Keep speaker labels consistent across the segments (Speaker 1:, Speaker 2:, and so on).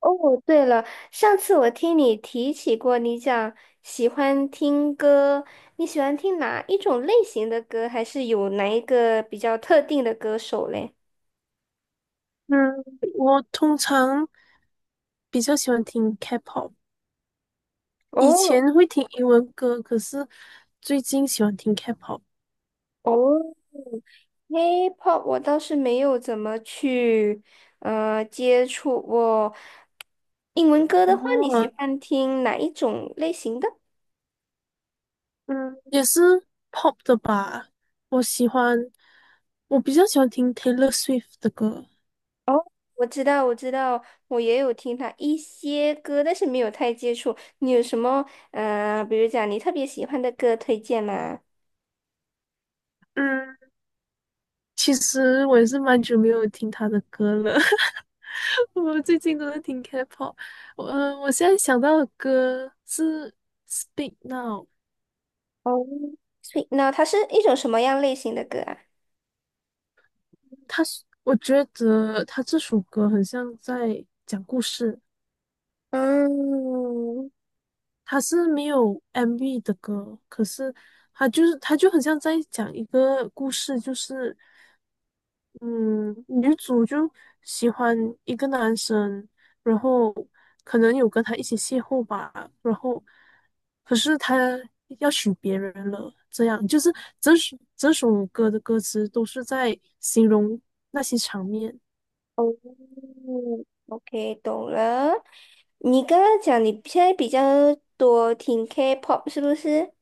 Speaker 1: 哦，对了，上次我听你提起过，你讲喜欢听歌，你喜欢听哪一种类型的歌，还是有哪一个比较特定的歌手嘞？
Speaker 2: 嗯，我通常比较喜欢听 K-pop，以
Speaker 1: 哦
Speaker 2: 前会听英文歌，可是最近喜欢听 K-pop。
Speaker 1: 哦， h i p h o p 我倒是没有怎么去接触过。英文歌的话，你喜
Speaker 2: 哦，
Speaker 1: 欢听哪一种类型的？
Speaker 2: 嗯，也是 pop 的吧。我喜欢，我比较喜欢听 Taylor Swift 的歌。
Speaker 1: 哦，我知道，我知道，我也有听他一些歌，但是没有太接触。你有什么比如讲你特别喜欢的歌推荐吗？
Speaker 2: 嗯，其实我也是蛮久没有听她的歌了。我最近都在听 K-pop，我现在想到的歌是《Speak Now》,
Speaker 1: 哦，所以，那它是一种什么样类型的歌啊？
Speaker 2: 我觉得它这首歌很像在讲故事，
Speaker 1: 嗯，
Speaker 2: 他是没有 MV 的歌，可是他就很像在讲一个故事，就是嗯，女主就喜欢一个男生，然后可能有跟他一起邂逅吧，然后可是他要娶别人了，这样就是整首歌的歌词都是在形容那些场面。
Speaker 1: 哦，OK，懂了。你刚刚讲你现在比较多听 K-pop 是不是？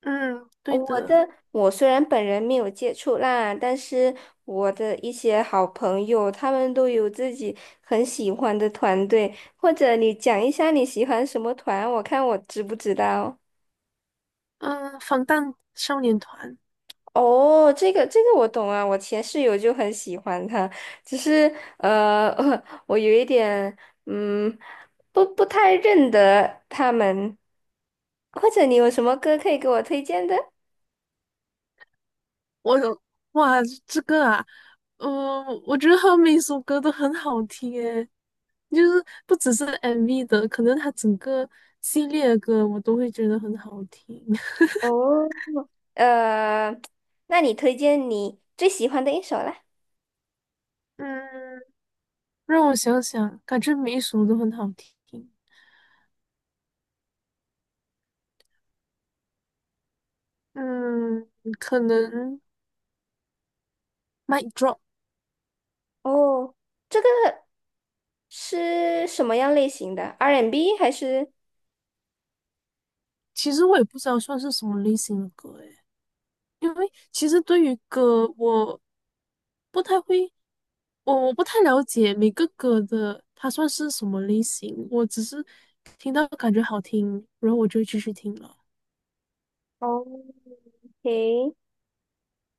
Speaker 2: 嗯，
Speaker 1: 哦
Speaker 2: 对
Speaker 1: 我
Speaker 2: 的，
Speaker 1: 的，我虽然本人没有接触啦，但是我的一些好朋友，他们都有自己很喜欢的团队，或者你讲一下你喜欢什么团，我看我知不知道。
Speaker 2: 嗯，防弹少年团。
Speaker 1: 哦，这个我懂啊，我前室友就很喜欢他，只是呃，我有一点嗯，不太认得他们，或者你有什么歌可以给我推荐的？
Speaker 2: 我哇，这个啊，嗯、我觉得他每首歌都很好听诶，就是不只是 MV 的，可能他整个系列的歌我都会觉得很好听。
Speaker 1: 哦，呃，那你推荐你最喜欢的一首啦？
Speaker 2: 嗯，让我想想，感觉每一首都很好听。嗯，可能《Mic Drop》,
Speaker 1: 哦，是什么样类型的？R&B 还是？
Speaker 2: 其实我也不知道算是什么类型的歌诶。因为其实对于歌，我不太会，我不太了解每个歌的它算是什么类型，我只是听到感觉好听，然后我就会继续听了。
Speaker 1: 哦，OK，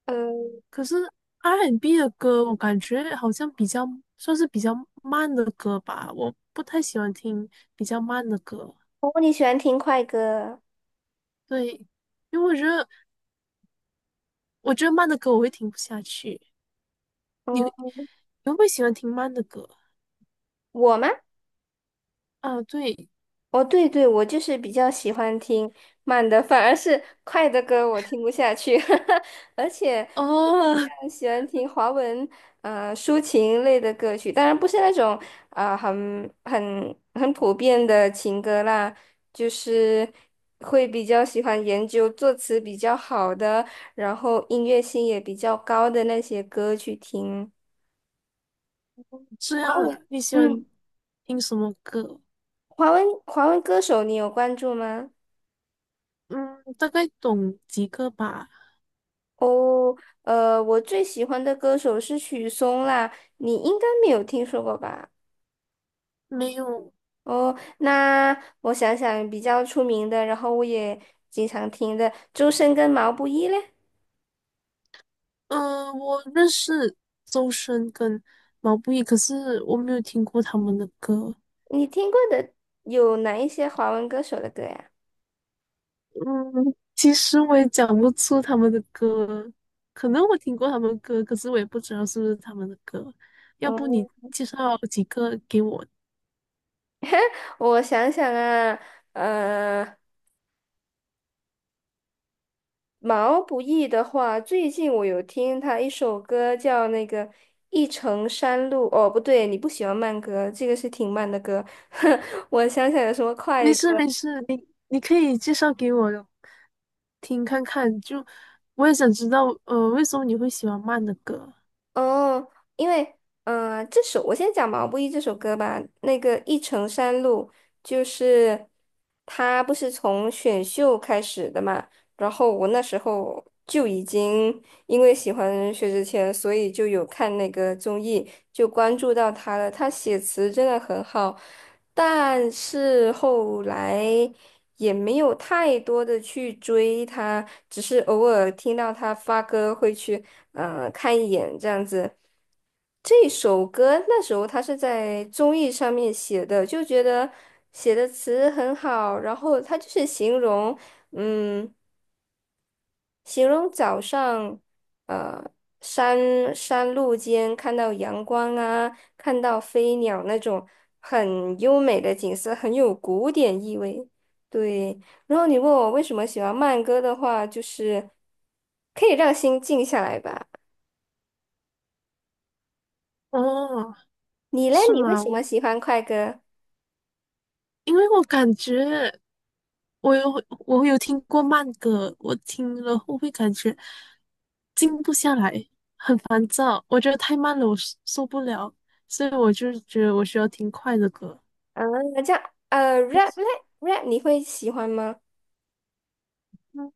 Speaker 1: 呃，
Speaker 2: 可是 R&B N 的歌，我感觉好像比较算是比较慢的歌吧，我不太喜欢听比较慢的歌，
Speaker 1: 哦，你喜欢听快歌？
Speaker 2: 对，因为我觉得慢的歌我会听不下去。你会
Speaker 1: 哦，
Speaker 2: 你会不会喜欢听慢的歌？
Speaker 1: 我吗？
Speaker 2: 啊，对，
Speaker 1: 哦，对对，我就是比较喜欢听慢的，反而是快的歌我听不下去，而且比
Speaker 2: 哦，
Speaker 1: 较喜欢听华文抒情类的歌曲，当然不是那种啊，很普遍的情歌啦，就是会比较喜欢研究作词比较好的，然后音乐性也比较高的那些歌去听。
Speaker 2: 这
Speaker 1: 华
Speaker 2: 样啊，
Speaker 1: 文，
Speaker 2: 你喜欢？
Speaker 1: 嗯，
Speaker 2: 听什么歌？
Speaker 1: 华文歌手你有关注吗？
Speaker 2: 嗯，大概懂几个吧。
Speaker 1: 哦，我最喜欢的歌手是许嵩啦，你应该没有听说过吧？
Speaker 2: 没有，
Speaker 1: 哦，那我想想，比较出名的，然后我也经常听的，周深跟毛不易嘞，
Speaker 2: 嗯、我认识周深跟毛不易，可是我没有听过他们的歌。
Speaker 1: 你听过的有哪一些华文歌手的歌呀？
Speaker 2: 嗯，其实我也讲不出他们的歌，可能我听过他们的歌，可是我也不知道是不是他们的歌。要不你
Speaker 1: 哦，
Speaker 2: 介绍几个给我？
Speaker 1: 我想想啊，呃。毛不易的话，最近我有听他一首歌叫那个《一程山路》。哦，不对，你不喜欢慢歌，这个是挺慢的歌。我想起来有什么
Speaker 2: 没
Speaker 1: 快歌。
Speaker 2: 事没事，你可以介绍给我听看看，就我也想知道，为什么你会喜欢慢的歌？
Speaker 1: 哦，因为这首我先讲毛不易这首歌吧。那个《一程山路》就是他不是从选秀开始的嘛，然后我那时候就已经因为喜欢薛之谦，所以就有看那个综艺，就关注到他了。他写词真的很好，但是后来也没有太多的去追他，只是偶尔听到他发歌会去看一眼这样子。这首歌那时候他是在综艺上面写的，就觉得写的词很好，然后他就是形容，嗯。形容早上，呃，山路间看到阳光啊，看到飞鸟那种很优美的景色，很有古典意味。对，然后你问我为什么喜欢慢歌的话，就是可以让心静下来吧。
Speaker 2: 哦，
Speaker 1: 你嘞，
Speaker 2: 是
Speaker 1: 你为
Speaker 2: 吗？
Speaker 1: 什么喜欢快歌？
Speaker 2: 因为我感觉我有听过慢歌，我听了后会感觉静不下来，很烦躁。我觉得太慢了，我受不了，所以我就觉得我需要听快的歌。
Speaker 1: 啊，这样，rap 嘞，rap 你会喜欢吗？
Speaker 2: 嗯，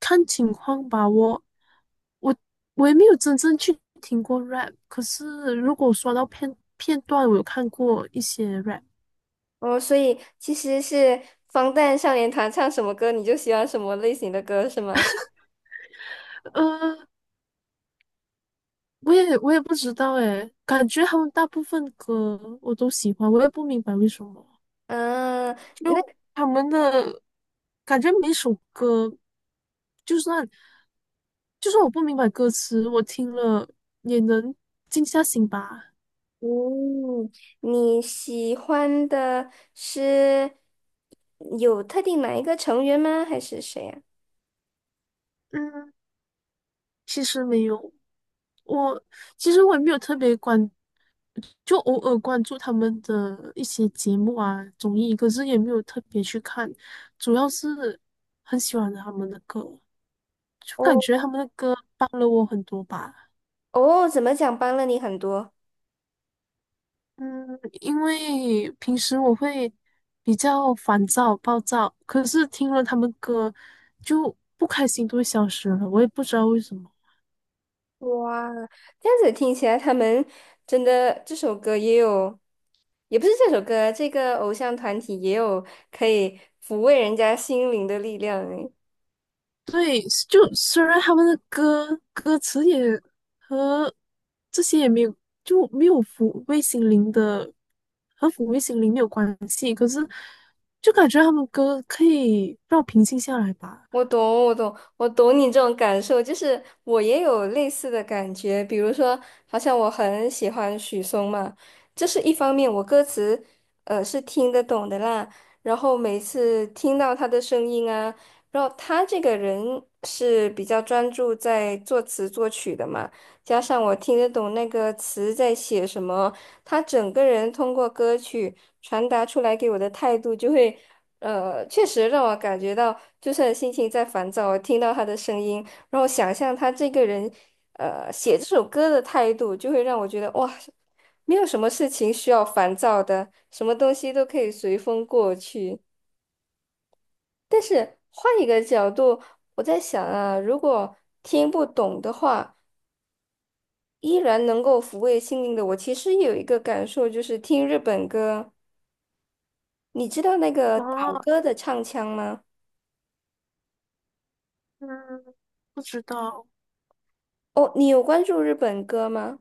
Speaker 2: 看情况吧。我我也没有真正去听过 rap，可是如果刷到片段，我有看过一些 rap。
Speaker 1: 哦，所以其实是防弹少年团唱什么歌，你就喜欢什么类型的歌，是吗？
Speaker 2: 呃，我也不知道诶，感觉他们大部分歌我都喜欢，我也不明白为什么，
Speaker 1: 嗯，
Speaker 2: 就他们的感觉每首歌，就算就算我不明白歌词，我听了也能静下心吧。
Speaker 1: 嗯，你喜欢的是有特定哪一个成员吗？还是谁呀、
Speaker 2: 嗯，其实没有，我其实我也没有特别关，就偶尔关注他们的一些节目啊、综艺，可是也没有特别去看，主要是很喜欢他们的歌，就感
Speaker 1: 哦
Speaker 2: 觉他们的歌帮了我很多吧。
Speaker 1: 哦，怎么讲帮了你很多？
Speaker 2: 嗯，因为平时我会比较烦躁、暴躁，可是听了他们歌，就不开心都会消失了，我也不知道为什么。
Speaker 1: 哇，这样子听起来，他们真的这首歌也有，也不是这首歌，这个偶像团体也有可以抚慰人家心灵的力量诶。
Speaker 2: 对，就虽然他们的歌词也和这些也没有，就没有抚慰心灵的，和抚慰心灵没有关系，可就感觉他们歌可以让我平静下来吧。
Speaker 1: 我懂，我懂，我懂你这种感受，就是我也有类似的感觉。比如说，好像我很喜欢许嵩嘛，这是一方面，我歌词是听得懂的啦。然后每次听到他的声音啊，然后他这个人是比较专注在作词作曲的嘛，加上我听得懂那个词在写什么，他整个人通过歌曲传达出来给我的态度就会。确实让我感觉到，就算心情在烦躁，听到他的声音，然后想象他这个人，写这首歌的态度，就会让我觉得哇，没有什么事情需要烦躁的，什么东西都可以随风过去。但是换一个角度，我在想啊，如果听不懂的话，依然能够抚慰心灵的我，其实有一个感受，就是听日本歌，你知道那个岛
Speaker 2: 啊，
Speaker 1: 歌的唱腔吗？
Speaker 2: 嗯，不知道，
Speaker 1: 哦，你有关注日本歌吗？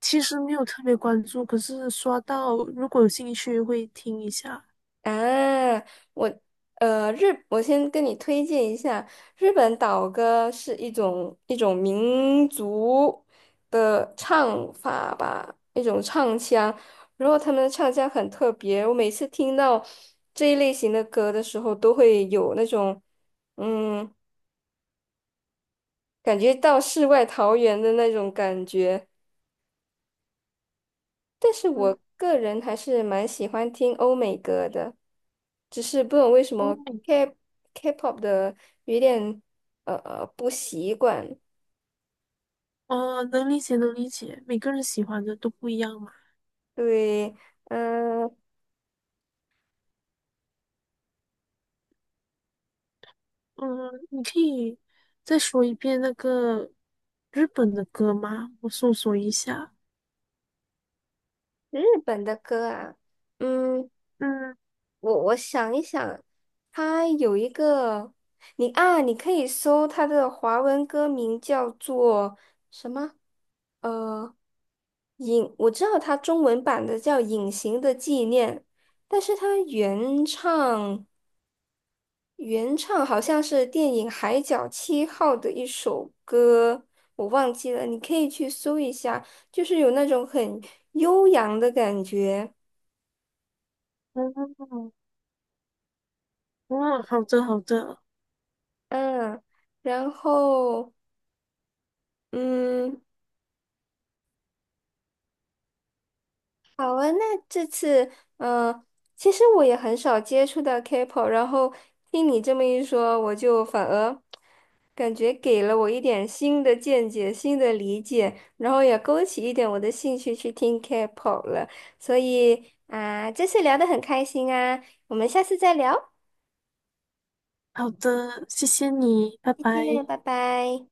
Speaker 2: 其实没有特别关注，可是刷到，如果有兴趣会听一下。
Speaker 1: 啊，我呃日，我先跟你推荐一下，日本岛歌是一种民族的唱法吧，一种唱腔，然后他们的唱腔很特别，我每次听到这一类型的歌的时候，都会有那种嗯，感觉到世外桃源的那种感觉。但是
Speaker 2: 嗯，
Speaker 1: 我个人还是蛮喜欢听欧美歌的，只是不懂为什么
Speaker 2: 嗯
Speaker 1: K K-pop 的有点不习惯。
Speaker 2: 哦，能理解，能理解，每个人喜欢的都不一样嘛。
Speaker 1: 对，嗯、
Speaker 2: 嗯，你可以再说一遍那个日本的歌吗？我搜索一下。
Speaker 1: 日本的歌啊，嗯，
Speaker 2: 嗯，
Speaker 1: 我想一想，它有一个你啊，你可以搜它的华文歌名叫做什么？呃。隐，我知道它中文版的叫《隐形的纪念》，但是它原唱好像是电影《海角七号》的一首歌，我忘记了，你可以去搜一下，就是有那种很悠扬的感觉，
Speaker 2: 哦，哦，好的，好的，
Speaker 1: 嗯，然后嗯。好啊，那这次，嗯、其实我也很少接触到 K-pop，然后听你这么一说，我就反而感觉给了我一点新的见解、新的理解，然后也勾起一点我的兴趣去听 K-pop 了。所以啊、这次聊的很开心啊，我们下次再聊，
Speaker 2: 好的，谢谢你，拜
Speaker 1: 再
Speaker 2: 拜。
Speaker 1: 见，拜拜。